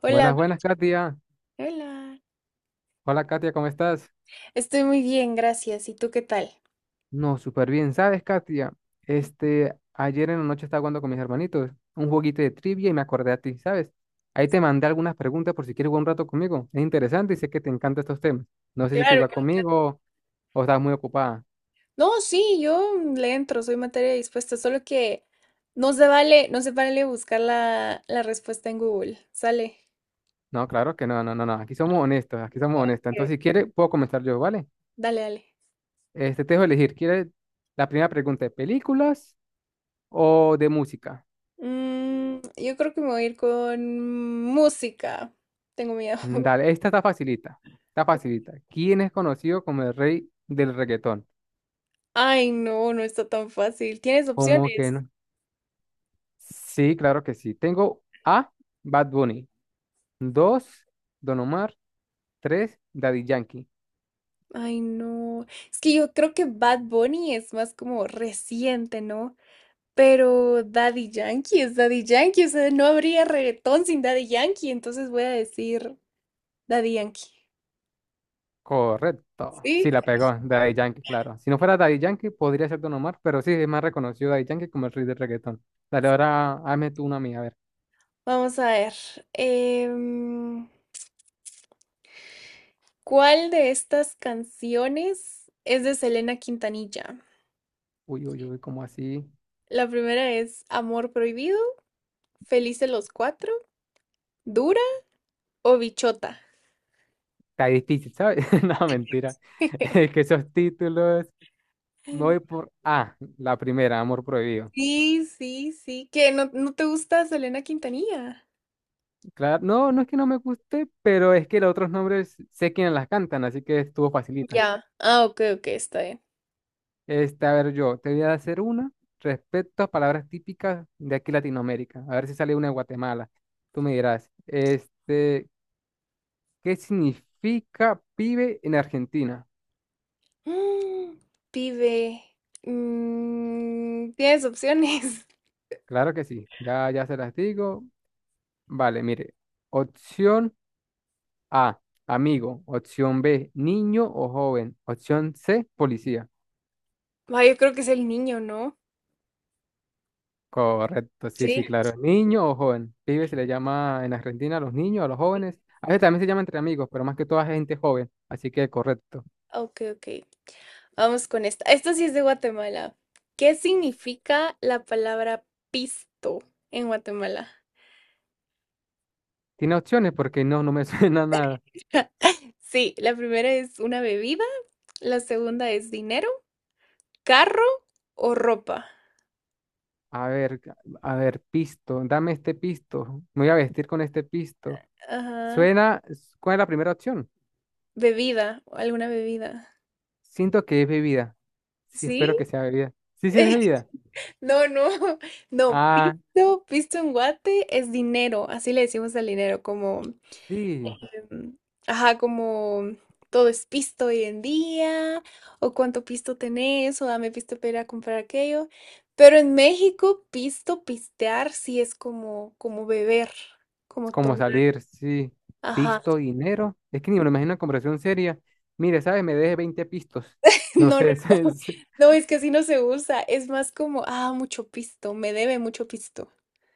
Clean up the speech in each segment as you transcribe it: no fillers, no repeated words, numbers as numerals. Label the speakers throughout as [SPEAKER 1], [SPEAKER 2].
[SPEAKER 1] Hola,
[SPEAKER 2] Buenas, buenas, Katia.
[SPEAKER 1] hola.
[SPEAKER 2] Hola, Katia, ¿cómo estás?
[SPEAKER 1] Estoy muy bien, gracias. ¿Y tú qué tal?
[SPEAKER 2] No, súper bien. ¿Sabes, Katia?
[SPEAKER 1] Sí,
[SPEAKER 2] Ayer en la noche estaba jugando con mis hermanitos un jueguito de trivia y me acordé a ti, ¿sabes? Ahí te mandé algunas preguntas por si quieres jugar un rato conmigo. Es interesante y sé que te encantan estos temas. No sé si quieres
[SPEAKER 1] claro.
[SPEAKER 2] jugar conmigo o estás muy ocupada.
[SPEAKER 1] No, sí, yo le entro, soy materia dispuesta, solo que no se vale, no se vale buscar la respuesta en Google. Sale.
[SPEAKER 2] No, claro que no, no, no, no. Aquí somos honestos, aquí somos honestos.
[SPEAKER 1] Ok.
[SPEAKER 2] Entonces, si quieres, puedo comenzar yo, ¿vale?
[SPEAKER 1] Dale, dale.
[SPEAKER 2] Te dejo elegir. ¿Quieres la primera pregunta de películas o de música?
[SPEAKER 1] Mm, yo creo que me voy a ir con música. Tengo miedo.
[SPEAKER 2] Dale, esta está facilita. Está facilita. ¿Quién es conocido como el rey del reggaetón?
[SPEAKER 1] Ay, no, no está tan fácil. ¿Tienes
[SPEAKER 2] ¿Cómo que
[SPEAKER 1] opciones?
[SPEAKER 2] no? Sí, claro que sí. Tengo A, Bad Bunny. Dos, Don Omar. Tres, Daddy Yankee.
[SPEAKER 1] Ay, no. Es que yo creo que Bad Bunny es más como reciente, ¿no? Pero Daddy Yankee es Daddy Yankee, o sea, no habría reggaetón sin Daddy Yankee, entonces voy a decir Daddy Yankee.
[SPEAKER 2] Correcto.
[SPEAKER 1] Sí,
[SPEAKER 2] Sí, la pegó. Daddy Yankee, claro. Si no fuera Daddy Yankee, podría ser Don Omar, pero sí, es más reconocido Daddy Yankee como el rey del reggaetón. Dale, ahora hazme tú una mía, a ver.
[SPEAKER 1] vamos a ver. em, ¿Cuál de estas canciones es de Selena Quintanilla?
[SPEAKER 2] Uy, uy, uy, ¿cómo así?
[SPEAKER 1] La primera es Amor Prohibido, Felices los Cuatro, Dura o Bichota.
[SPEAKER 2] Está difícil, ¿sabes? No, mentira. Es que esos títulos. Me voy por A, la primera, Amor Prohibido.
[SPEAKER 1] Sí, sí, sí, que no, no te gusta Selena Quintanilla.
[SPEAKER 2] Claro, no, no es que no me guste, pero es que los otros nombres sé quiénes las cantan, así que estuvo facilita.
[SPEAKER 1] Ya. Ah, ok, ok, está bien.
[SPEAKER 2] A ver, yo te voy a hacer una respecto a palabras típicas de aquí Latinoamérica. A ver si sale una de Guatemala. Tú me dirás, ¿qué significa pibe en Argentina?
[SPEAKER 1] Mm, pibe. Mm, tienes opciones.
[SPEAKER 2] Claro que sí, ya, ya se las digo. Vale, mire, opción A, amigo. Opción B, niño o joven. Opción C, policía.
[SPEAKER 1] Ah, yo creo que es el niño, ¿no?
[SPEAKER 2] Correcto, sí,
[SPEAKER 1] Sí.
[SPEAKER 2] sí, claro. ¿Niño o joven? Pibe se le llama en Argentina a los niños, a los jóvenes. A veces también se llama entre amigos, pero más que todo a gente joven. Así que correcto.
[SPEAKER 1] Ok, ok. Vamos con esta. Esta sí es de Guatemala. ¿Qué significa la palabra pisto en Guatemala?
[SPEAKER 2] ¿Tiene opciones? Porque no, no me suena nada.
[SPEAKER 1] Sí, la primera es una bebida, la segunda es dinero, carro o ropa.
[SPEAKER 2] A ver, ca- a ver, pisto. Dame este pisto. Me voy a vestir con este pisto.
[SPEAKER 1] Ajá.
[SPEAKER 2] Suena, ¿cuál es la primera opción?
[SPEAKER 1] Bebida, alguna bebida.
[SPEAKER 2] Siento que es bebida. Sí,
[SPEAKER 1] ¿Sí?
[SPEAKER 2] espero que sea bebida. Sí, sí, es bebida.
[SPEAKER 1] No, no, no,
[SPEAKER 2] Ah,
[SPEAKER 1] pisto, pisto en guate es dinero, así le decimos al dinero, como,
[SPEAKER 2] sí.
[SPEAKER 1] em, ajá, como todo es pisto hoy en día, o cuánto pisto tenés, o dame pisto para ir a comprar aquello. Pero en México, pisto, pistear, sí es como, como beber, como
[SPEAKER 2] Como
[SPEAKER 1] tomar.
[SPEAKER 2] salir, sí,
[SPEAKER 1] Ajá,
[SPEAKER 2] pisto, dinero. Es que ni me lo imagino en conversación seria. Mire, ¿sabes? Me deje 20 pistos. No
[SPEAKER 1] no, no,
[SPEAKER 2] sé,
[SPEAKER 1] no,
[SPEAKER 2] es
[SPEAKER 1] no, es que así no se usa, es más como, ah, mucho pisto, me debe mucho pisto.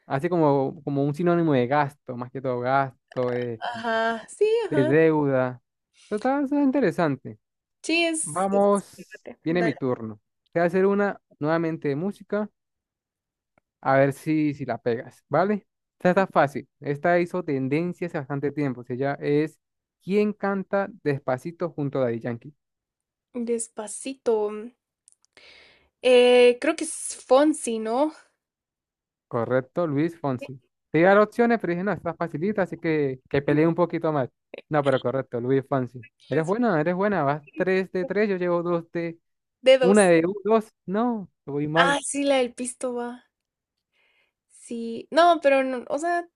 [SPEAKER 2] así como, como un sinónimo de gasto, más que todo gasto,
[SPEAKER 1] Ajá, sí,
[SPEAKER 2] de
[SPEAKER 1] ajá,
[SPEAKER 2] deuda. Total, eso es interesante.
[SPEAKER 1] sí, es-
[SPEAKER 2] Vamos, viene mi turno. Te voy a hacer una nuevamente de música, a ver si, si la pegas, ¿vale? Esta está fácil. Esta hizo tendencia hace bastante tiempo. O sea, ya es. ¿Quién canta Despacito junto a Daddy Yankee?
[SPEAKER 1] Despacito. Creo que es Fonsi, ¿no?
[SPEAKER 2] Correcto, Luis Fonsi. Te iba a dar opciones, pero dije, no, está facilita, así que peleé un poquito más. No, pero correcto, Luis Fonsi.
[SPEAKER 1] Los
[SPEAKER 2] Eres buena, vas 3 de tres, yo llevo 2 de... Una
[SPEAKER 1] dedos.
[SPEAKER 2] de 2 no, voy
[SPEAKER 1] Ah,
[SPEAKER 2] mal.
[SPEAKER 1] sí, la del pisto va. Sí. No, pero no, o sea,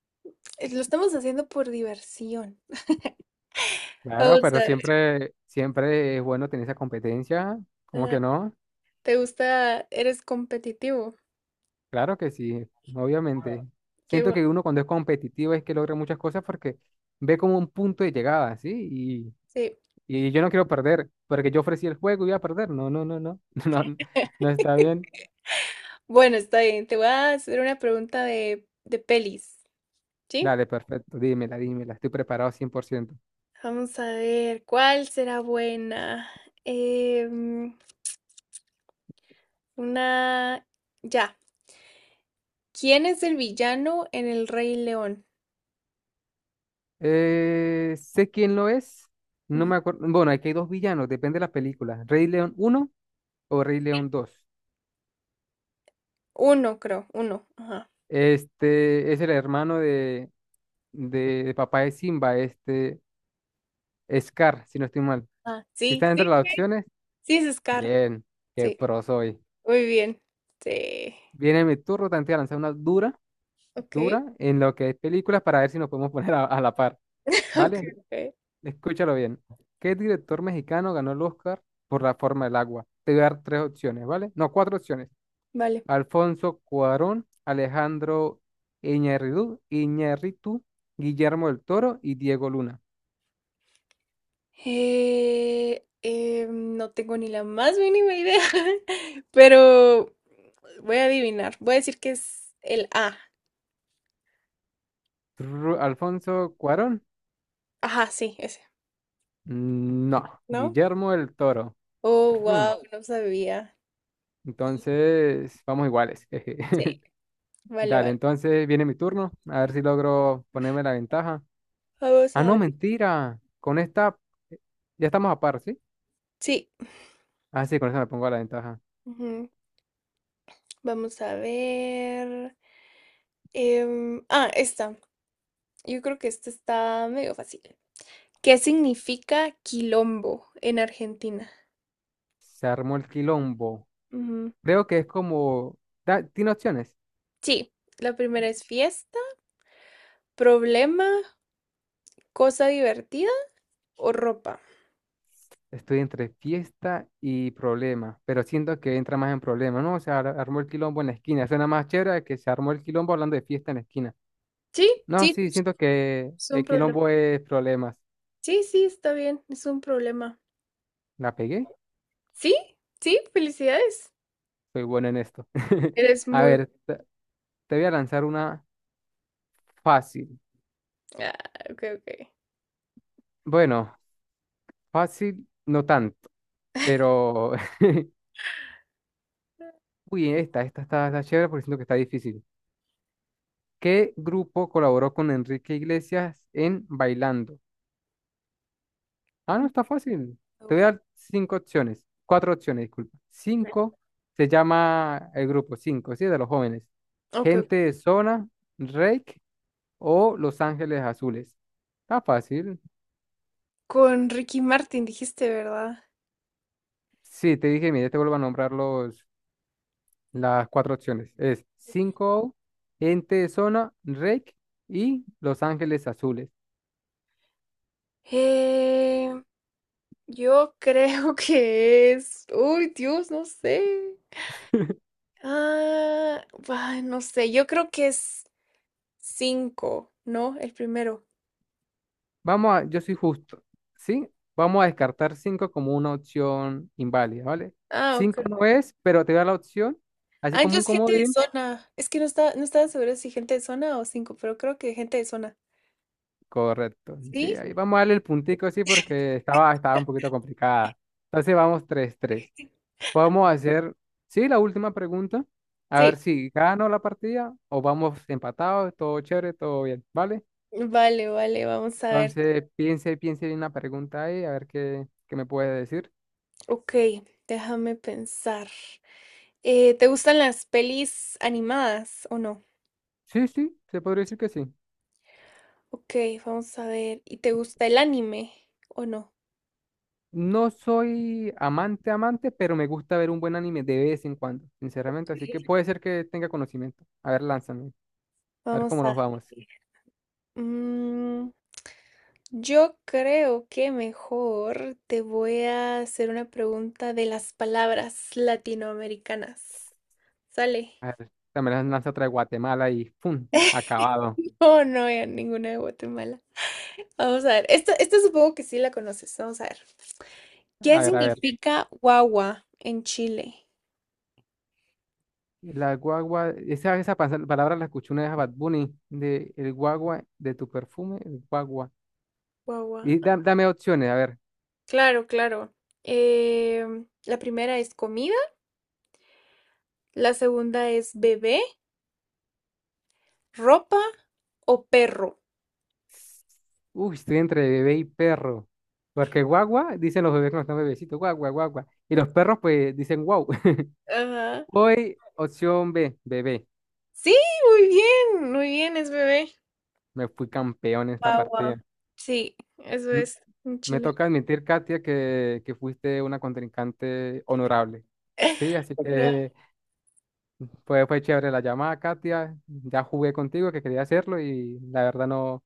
[SPEAKER 1] es- lo estamos haciendo por diversión.
[SPEAKER 2] Claro,
[SPEAKER 1] Vamos a
[SPEAKER 2] pero
[SPEAKER 1] ver.
[SPEAKER 2] siempre, siempre es bueno tener esa competencia, ¿cómo
[SPEAKER 1] Ah,
[SPEAKER 2] que no?
[SPEAKER 1] ¿te gusta? ¿Eres competitivo?
[SPEAKER 2] Claro que sí, obviamente.
[SPEAKER 1] Qué
[SPEAKER 2] Siento
[SPEAKER 1] bueno.
[SPEAKER 2] que uno cuando es competitivo es que logra muchas cosas porque ve como un punto de llegada, ¿sí?
[SPEAKER 1] Sí.
[SPEAKER 2] Y yo no quiero perder, porque yo ofrecí el juego y iba a perder. No, no, no, no, no, no está bien.
[SPEAKER 1] Bueno, está bien. Te voy a hacer una pregunta de pelis, ¿sí?
[SPEAKER 2] Dale, perfecto, dímela, dímela, estoy preparado 100%.
[SPEAKER 1] Vamos a ver, ¿cuál será buena? Em, una... Ya. ¿Quién es el villano en El Rey León?
[SPEAKER 2] Sé quién lo es, no
[SPEAKER 1] Ujú.
[SPEAKER 2] me acuerdo. Bueno, aquí hay dos villanos, depende de la película. Rey León uno o Rey León dos.
[SPEAKER 1] Uno, creo, uno. Ajá.
[SPEAKER 2] Este es el hermano de, de papá de Simba, este Scar, si no estoy mal.
[SPEAKER 1] Ah,
[SPEAKER 2] Si
[SPEAKER 1] sí,
[SPEAKER 2] están entre
[SPEAKER 1] sí,
[SPEAKER 2] las
[SPEAKER 1] sí,
[SPEAKER 2] opciones,
[SPEAKER 1] sí es Scar.
[SPEAKER 2] bien, qué
[SPEAKER 1] Sí,
[SPEAKER 2] pro soy.
[SPEAKER 1] muy bien. Sí.
[SPEAKER 2] Viene mi turno, te voy a lanzar una
[SPEAKER 1] Ok,
[SPEAKER 2] dura en lo que es películas para ver si nos podemos poner a la par,
[SPEAKER 1] ok,
[SPEAKER 2] ¿vale?
[SPEAKER 1] ok.
[SPEAKER 2] Escúchalo bien. ¿Qué director mexicano ganó el Oscar por La forma del agua? Te voy a dar tres opciones, ¿vale? No, cuatro opciones.
[SPEAKER 1] Vale.
[SPEAKER 2] Alfonso Cuarón, Alejandro Iñárritu, Guillermo del Toro y Diego Luna.
[SPEAKER 1] No tengo ni la más mínima idea, pero voy a adivinar. Voy a decir que es el A.
[SPEAKER 2] Alfonso Cuarón,
[SPEAKER 1] Ajá, sí, ese,
[SPEAKER 2] no,
[SPEAKER 1] ¿no?
[SPEAKER 2] Guillermo del Toro.
[SPEAKER 1] Oh,
[SPEAKER 2] Tru.
[SPEAKER 1] wow, no sabía. Sí,
[SPEAKER 2] Entonces, vamos iguales. jeje.
[SPEAKER 1] sí. Vale,
[SPEAKER 2] Dale,
[SPEAKER 1] vale.
[SPEAKER 2] entonces viene mi turno, a ver si logro ponerme la ventaja.
[SPEAKER 1] Vamos
[SPEAKER 2] Ah,
[SPEAKER 1] a
[SPEAKER 2] no,
[SPEAKER 1] ver.
[SPEAKER 2] mentira. Con esta eh, ya estamos a par, ¿sí?
[SPEAKER 1] Sí.
[SPEAKER 2] Ah, sí, con esta me pongo a la ventaja.
[SPEAKER 1] Ujú. Vamos a ver. Ah, esta. Yo creo que este está medio fácil. ¿Qué significa quilombo en Argentina?
[SPEAKER 2] Se armó el quilombo.
[SPEAKER 1] Ujú.
[SPEAKER 2] Creo que es como... tiene opciones.
[SPEAKER 1] Sí, la primera es fiesta, problema, cosa divertida o ropa.
[SPEAKER 2] Estoy entre fiesta y problema, pero siento que entra más en problema, ¿no? Armó el quilombo en la esquina. Suena más chévere que se armó el quilombo hablando de fiesta en la esquina.
[SPEAKER 1] Sí,
[SPEAKER 2] No,
[SPEAKER 1] sí,
[SPEAKER 2] sí, siento que
[SPEAKER 1] es un
[SPEAKER 2] el
[SPEAKER 1] problema.
[SPEAKER 2] quilombo es problemas.
[SPEAKER 1] Sí, sí, está bien, es un problema.
[SPEAKER 2] ¿La pegué?
[SPEAKER 1] Sí, sí, felicidades.
[SPEAKER 2] Soy bueno en esto.
[SPEAKER 1] Eres
[SPEAKER 2] A
[SPEAKER 1] muy...
[SPEAKER 2] ver, te voy a lanzar una fácil.
[SPEAKER 1] Ah, ok, ok.
[SPEAKER 2] Bueno, fácil, no tanto. Pero, uy, esta está, está chévere porque siento que está difícil. ¿Qué grupo colaboró con Enrique Iglesias en Bailando? Ah, no, está fácil. Te voy a
[SPEAKER 1] No,
[SPEAKER 2] dar cinco opciones. Cuatro opciones, disculpa.
[SPEAKER 1] no.
[SPEAKER 2] Cinco se llama el grupo, cinco, ¿sí? De los jóvenes.
[SPEAKER 1] Ok, ok.
[SPEAKER 2] Gente de Zona, Rake o Los Ángeles Azules. Está fácil.
[SPEAKER 1] Con Ricky Martin dijiste, ¿verdad?
[SPEAKER 2] Sí, te dije, mira, te vuelvo a nombrar los, las cuatro opciones. Es cinco, O, Gente de Zona, Rake y Los Ángeles Azules.
[SPEAKER 1] Eh, yo creo que es... Uy, Dios, no sé. Ah, ay, no sé, yo creo que es cinco, ¿no? El primero.
[SPEAKER 2] Vamos a, yo soy justo, ¿sí? Vamos a descartar 5 como una opción inválida, ¿vale?
[SPEAKER 1] Ah, ok,
[SPEAKER 2] Cinco no
[SPEAKER 1] ok.
[SPEAKER 2] es, pero te voy a dar la opción, así
[SPEAKER 1] Ah,
[SPEAKER 2] como un
[SPEAKER 1] entonces gente de
[SPEAKER 2] comodín,
[SPEAKER 1] zona. Es que no estaba segura si gente de zona o cinco, pero creo que gente de zona.
[SPEAKER 2] correcto. Sí,
[SPEAKER 1] ¿Sí?
[SPEAKER 2] ahí vamos a darle el puntico, sí, porque estaba, estaba un poquito complicada. Entonces vamos tres tres. Vamos a hacer, sí, la última pregunta, a ver
[SPEAKER 1] Sí.
[SPEAKER 2] si gano la partida o vamos empatados, todo chévere, todo bien, ¿vale?
[SPEAKER 1] Vale, vale, vamos a ver.
[SPEAKER 2] Entonces piense, piense en una pregunta ahí, a ver qué, qué me puede decir.
[SPEAKER 1] Ok, déjame pensar. ¿Te gustan las pelis animadas o no?
[SPEAKER 2] Sí, sí, se podría decir que sí.
[SPEAKER 1] Ok, vamos a ver. ¿Y te gusta el anime o no?
[SPEAKER 2] No soy amante, amante, pero me gusta ver un buen anime de vez en cuando, sinceramente. Así que puede ser que tenga conocimiento. A ver, lánzame. A ver
[SPEAKER 1] Vamos
[SPEAKER 2] cómo nos
[SPEAKER 1] a...
[SPEAKER 2] vamos.
[SPEAKER 1] mm, yo creo que mejor te voy a hacer una pregunta de las palabras latinoamericanas. Sale.
[SPEAKER 2] A ver, también las lanza otra de Guatemala y ¡pum! Acabado.
[SPEAKER 1] Oh, no, ya ninguna de Guatemala. Vamos a ver. Esta supongo que sí la conoces. Vamos a ver. ¿Qué
[SPEAKER 2] A ver, a ver.
[SPEAKER 1] significa guagua en Chile?
[SPEAKER 2] La guagua, esa, palabra la escuché una vez a Bad Bunny, de el guagua de tu perfume, el guagua.
[SPEAKER 1] Guagua.
[SPEAKER 2] Y dame opciones, a ver.
[SPEAKER 1] Claro, claro. Em, la primera es comida, la segunda es bebé, ropa o perro.
[SPEAKER 2] Uy, estoy entre bebé y perro. Porque guagua, dicen los bebés cuando están bebecitos, guagua, guagua. Y los perros, pues, dicen wow.
[SPEAKER 1] Ajá.
[SPEAKER 2] Voy, opción B, bebé.
[SPEAKER 1] Sí, muy bien, es bebé.
[SPEAKER 2] Me fui campeón en esta
[SPEAKER 1] Guagua.
[SPEAKER 2] partida.
[SPEAKER 1] Sí, eso
[SPEAKER 2] M-
[SPEAKER 1] es en
[SPEAKER 2] Me
[SPEAKER 1] Chile.
[SPEAKER 2] toca admitir, Katia, que fuiste una contrincante honorable. Sí, así
[SPEAKER 1] Pero,
[SPEAKER 2] que fue, fue chévere la llamada, Katia. Ya jugué contigo, que quería hacerlo y la verdad no,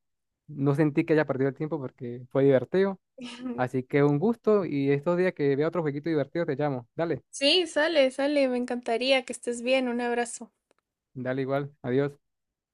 [SPEAKER 2] no sentí que haya perdido el tiempo porque fue divertido. Así que un gusto y estos días que vea otro jueguito divertido te llamo. Dale,
[SPEAKER 1] sí, sale, sale. Me encantaría que estés bien. Un abrazo.
[SPEAKER 2] dale igual. Adiós.